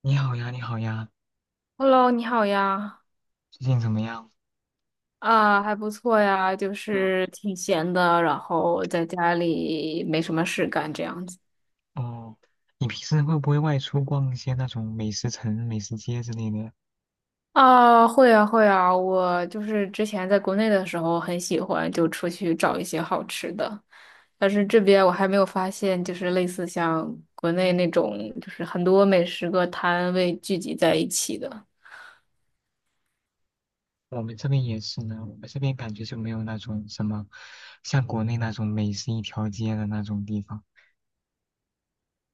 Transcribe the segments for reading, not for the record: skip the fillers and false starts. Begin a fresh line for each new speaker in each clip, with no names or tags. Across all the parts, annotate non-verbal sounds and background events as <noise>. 你好呀，你好呀，
Hello，你好呀。
最近怎么样？
还不错呀，就
嗯，
是挺闲的，然后在家里没什么事干这样子。
哦，你平时会不会外出逛一些那种美食城、美食街之类的？
会啊会啊，我就是之前在国内的时候很喜欢就出去找一些好吃的，但是这边我还没有发现，就是类似像国内那种，就是很多美食个摊位聚集在一起的。
我们这边也是呢，我们这边感觉就没有那种什么，像国内那种美食一条街的那种地方。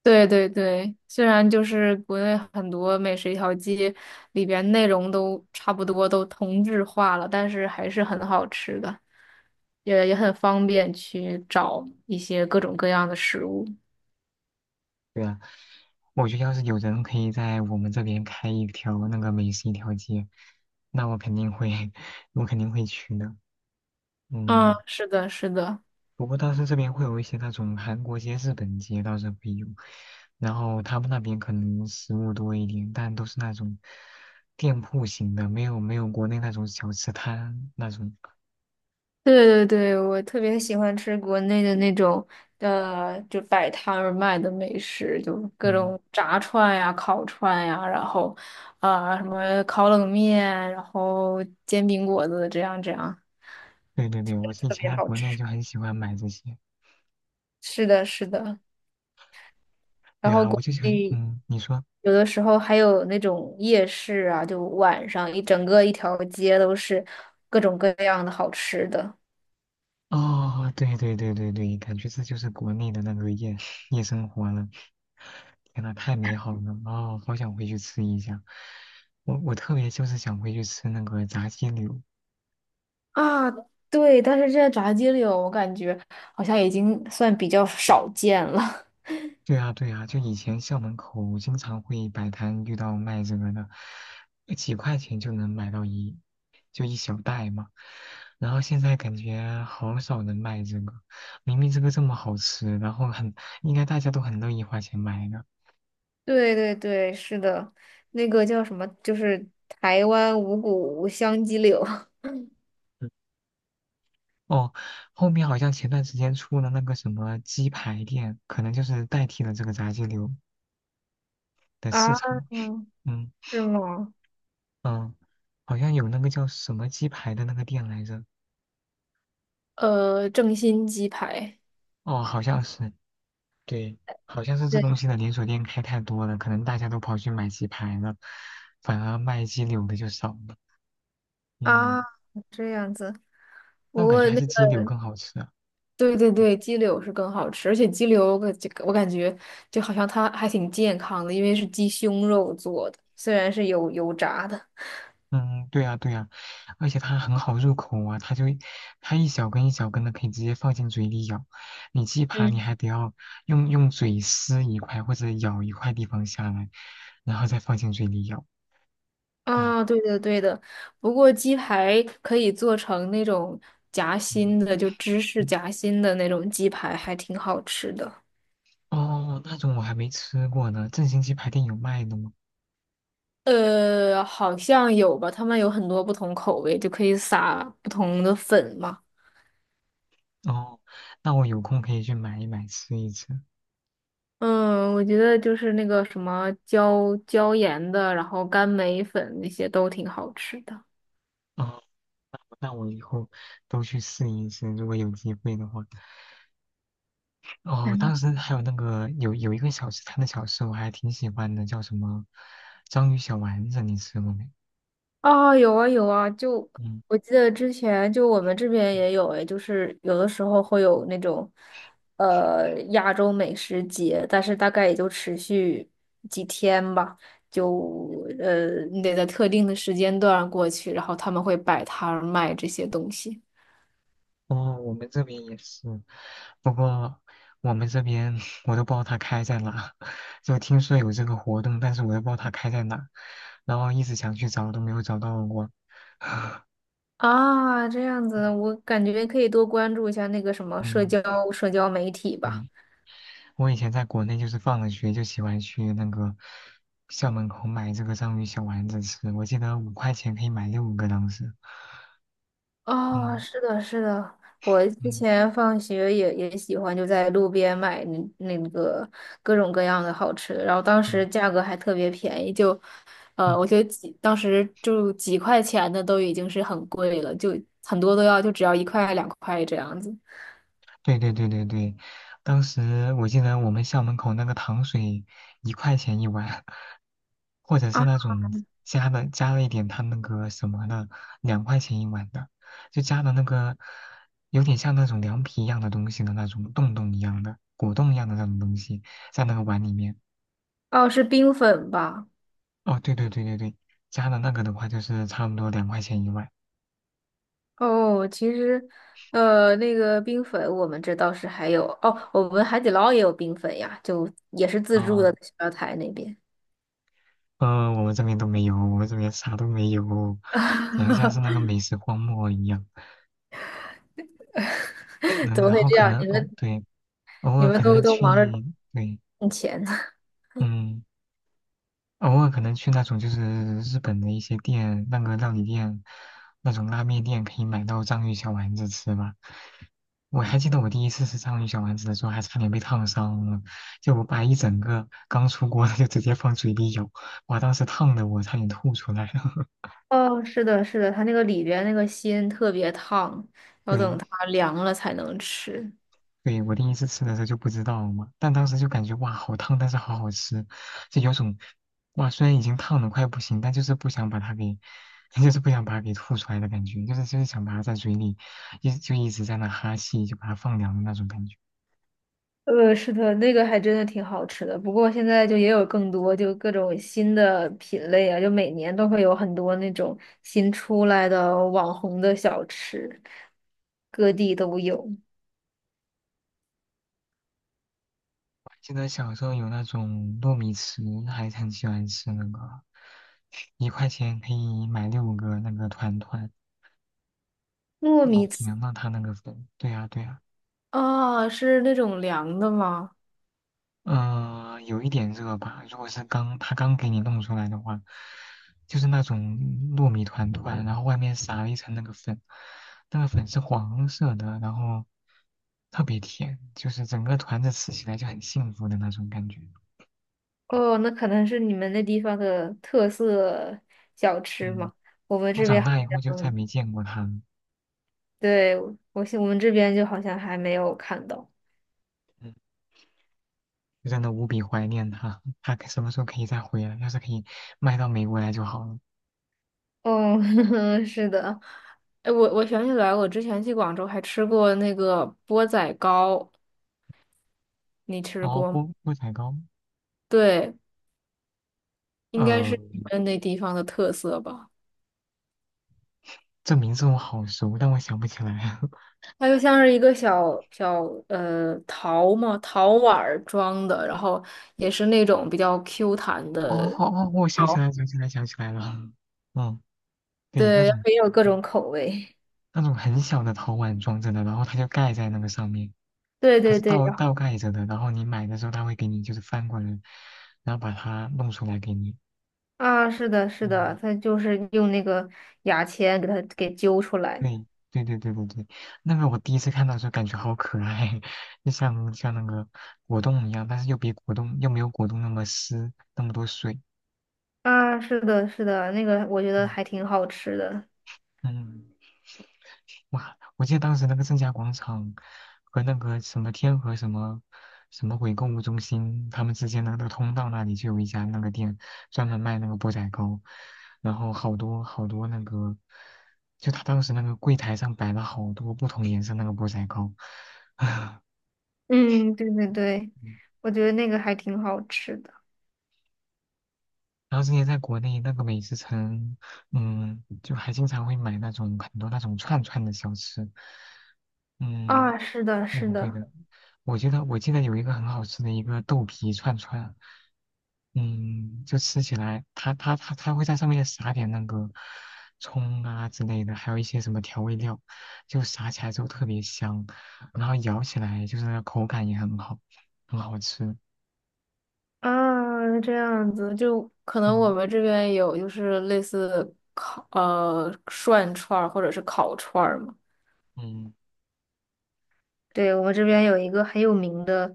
对对对，虽然就是国内很多美食一条街里边内容都差不多，都同质化了，但是还是很好吃的，也很方便去找一些各种各样的食物。
对啊，我觉得要是有人可以在我们这边开一条那个美食一条街，那我肯定会，<laughs> 我肯定会去的。
嗯，
嗯。
是的，是的。
不过当时这边会有一些那种韩国街、日本街倒是会有，然后他们那边可能食物多一点，但都是那种店铺型的，没有国内那种小吃摊那种。
对对对，我特别喜欢吃国内的那种就摆摊儿卖的美食，就各
嗯，
种炸串呀、烤串呀，然后什么烤冷面，然后煎饼果子这样这样。
对对对，我以
特
前
别
在
好
国内
吃。
就很喜欢买这些。
是的，是的。
对
然后
啊，我
国
就喜欢，
内
嗯，你说，
有的时候还有那种夜市啊，就晚上一整个一条街都是各种各样的好吃的。
哦，对对对对对，感觉这就是国内的那个夜生活了。天呐，太美好了！哦，好想回去吃一下。我特别就是想回去吃那个炸鸡柳，
啊，对，但是这在炸鸡柳，我感觉好像已经算比较少见了。<laughs>
对啊，对啊，就以前校门口经常会摆摊遇到卖这个的，几块钱就能买到一，就一小袋嘛。然后现在感觉好少人卖这个，明明这个这么好吃，然后很，应该大家都很乐意花钱买的。
对对对，是的，那个叫什么，就是台湾五谷香鸡柳。
嗯哦，后面好像前段时间出了那个什么鸡排店，可能就是代替了这个炸鸡柳
<laughs>
的市
啊，
场。嗯
是吗？
嗯，好像有那个叫什么鸡排的那个店来着。
正新鸡排。
哦，好像是。对，好像是这
对
东西的连锁店开太多了，可能大家都跑去买鸡排了，反而卖鸡柳的就少了。
啊，
嗯，
这样子。不
那我感觉
过
还
那
是鸡
个，
柳更好吃啊。
对对对，鸡柳是更好吃，而且鸡柳我感觉就好像它还挺健康的，因为是鸡胸肉做的，虽然是有油炸的。
嗯，对啊，对啊，而且它很好入口啊，它就它一小根一小根的，可以直接放进嘴里咬。你鸡排你
嗯。
还得要用嘴撕一块或者咬一块地方下来，然后再放进嘴里咬。哎，
啊，对的对的，不过鸡排可以做成那种夹
嗯，
心的，就芝士
嗯
夹心的那种鸡排，还挺好吃的。
哦，那种我还没吃过呢，正新鸡排店有卖的吗？
好像有吧，他们有很多不同口味，就可以撒不同的粉嘛。
哦，那我有空可以去买一买吃一吃。
嗯，我觉得就是那个什么椒盐的，然后干梅粉那些都挺好吃的。
哦，那我以后都去试一试，如果有机会的话。哦，当时还有那个有一个小吃摊的小吃，我还挺喜欢的，叫什么章鱼小丸子，你吃过没？
啊，有啊有啊，就
嗯，
我记得之前就我们这边也有诶，就是有的时候会有那种亚洲美食节，但是大概也就持续几天吧，就你得在特定的时间段过去，然后他们会摆摊儿卖这些东西。
哦，我们这边也是，不过我们这边 <laughs> 我都不知道它开在哪，<laughs> 就听说有这个活动，但是我都不知道它开在哪，然后一直想去找都没有找到过。
啊，这样子，我感觉可以多关注一下那个什么社交
嗯
社交媒体吧。
嗯。我以前在国内就是放了学就喜欢去那个校门口买这个章鱼小丸子吃，我记得5块钱可以买六个当时。嗯
哦，是的，是的，我之
嗯
前放学也喜欢就在路边买那个各种各样的好吃的，然后当时
嗯
价格还特别便宜，就，
嗯，
我觉得几当时就几块钱的都已经是很贵了，就很多都要就只要一块两块这样子。
对对对对对，当时我记得我们校门口那个糖水1块钱1碗，或者是
啊，
那种加了一点它那个什么的，两块钱一碗的，就加的那个有点像那种凉皮一样的东西的那种洞洞一样的果冻一样的那种东西在那个碗里面。
哦，是冰粉吧？
哦，对对对对对，加的那个的话就是差不多两块钱一碗
哦，其实，那个冰粉我们这倒是还有哦，我们海底捞也有冰粉呀，就也是自助
啊。
的，在小料台那边。
我们这边都没有，我们这边啥都没有，感觉像是那个
<laughs>
美食荒漠一样。<laughs>
怎
嗯，
么
然
会
后
这
可
样？
能
你
哦，
们
对，偶
你
尔
们
可
都
能
都
去，
忙着
对，
挣钱。<laughs>
嗯。偶尔可能去那种就是日本的一些店，那个料理店，那种拉面店可以买到章鱼小丸子吃吧。我还记得我第一次吃章鱼小丸子的时候，还差点被烫伤了，就我把一整个刚出锅的就直接放嘴里咬，哇，当时烫的我差点吐出来。了。
哦，是的，是的，它那个里边那个心特别烫，
<laughs>
要
对，
等它凉了才能吃。
对，我第一次吃的时候就不知道嘛，但当时就感觉哇，好烫，但是好好吃，就有种哇，虽然已经烫的快不行，但就是不想把它给，<laughs> 就是不想把它给吐出来的感觉，就是想把它在嘴里一直在那哈气，就把它放凉的那种感觉。
是的，那个还真的挺好吃的。不过现在就也有更多，就各种新的品类啊，就每年都会有很多那种新出来的网红的小吃，各地都有。
记得小时候有那种糯米糍，还很喜欢吃那个，一块钱可以买六个那个团团，
糯
老
米糍，
甜了它那个粉，对呀、对呀、
啊，是那种凉的吗？
嗯，有一点热吧。如果是他刚给你弄出来的话，就是那种糯米团团，然后外面撒了一层那个粉，那个粉是黄色的，然后特别甜，就是整个团子吃起来就很幸福的那种感觉。
哦，那可能是你们那地方的特色小吃
嗯，
嘛？我们
我
这边
长
好
大以后就再
像，
没见过它了，
对，我们这边就好像还没有看到。
嗯，就真的无比怀念它。它什么时候可以再回来？要是可以卖到美国来就好了。
哦，<laughs> 是的，哎，我想起来，我之前去广州还吃过那个钵仔糕，你吃
然后
过吗？
菠菠仔糕，
对，应该
呃，
是你们那地方的特色吧。
这名字我好熟，但我想不起来。<laughs>
它就像是一个小小陶嘛，陶碗儿装的，然后也是那种比较 Q 弹
哦
的。
哦，哦我想起来，想起来，想起来了。嗯，对，那
对，
种
也有各
嗯
种口味。
那种很小的陶碗装着的，然后它就盖在那个上面，
对
它
对
是
对，
倒
然后
倒盖着的。然后你买的时候，它会给你就是翻过来，然后把它弄出来给你。
啊，是的，是的，
嗯，
它就是用那个牙签给它给揪出来。
对对对对对对，那个我第一次看到的时候感觉好可爱，<laughs> 就像那个果冻一样，但是又比果冻又没有果冻那么湿，那么多水。
啊，是的，是的，那个我觉得
嗯
还挺好吃的。
嗯。哇，我记得当时那个正佳广场和那个什么天河什么什么鬼购物中心，他们之间的那个通道那里就有一家那个店，专门卖那个钵仔糕，然后好多好多那个，就他当时那个柜台上摆了好多不同颜色那个钵仔糕，<laughs> 啊，
嗯，对对对，
嗯
我觉得那个还挺好吃的。
然后之前在国内那个美食城，嗯，就还经常会买那种很多那种串串的小吃，嗯。
啊，是的，
对
是
的，对
的。
的，我觉得我记得有一个很好吃的一个豆皮串串，嗯，就吃起来，它会在上面撒点那个葱啊之类的，还有一些什么调味料，就撒起来之后特别香，然后咬起来就是口感也很好，很好吃。
啊，这样子就可能我
嗯
们这边有就是类似烤涮串儿或者是烤串儿嘛。
嗯
对，我们这边有一个很有名的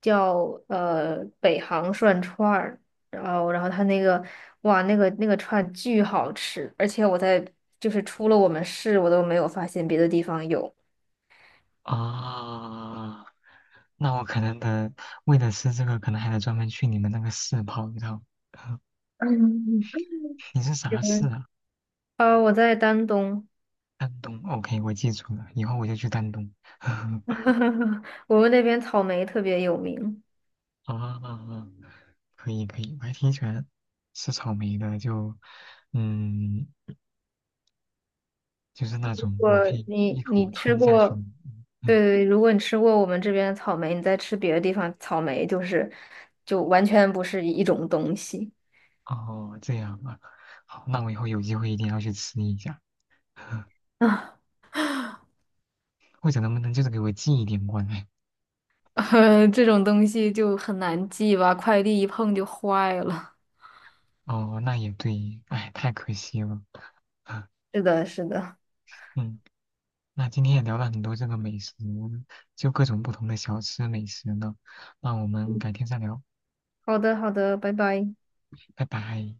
叫北航涮串儿，然后他那个哇那个那个串巨好吃，而且我在就是出了我们市我都没有发现别的地方有。
啊，那我可能得为了吃这个，可能还得专门去你们那个市跑一趟。<laughs>
嗯。
你是啥市
嗯，
啊？
我在丹东。
丹东，OK,我记住了，以后我就去丹东。<laughs>
<laughs> 我们那边草莓特别有名。
啊啊啊，可以可以，我还挺喜欢吃草莓的，就嗯，就是那种
我
我可以一
你
口
你吃
吞下去的。
过？对
嗯，
对，如果你吃过我们这边的草莓，你再吃别的地方草莓，就是就完全不是一种东西。
哦，这样啊，好，那我以后有机会一定要去吃一下，<laughs>
<laughs> 啊。
或者能不能就是给我寄一点过来？
<laughs> 这种东西就很难记吧，快递一碰就坏了。
哦，那也对，哎，太可惜了。<laughs>
是的，是的。
嗯，那今天也聊了很多这个美食，就各种不同的小吃美食呢，那我们改天再聊。
好的，好的，拜拜。
拜拜。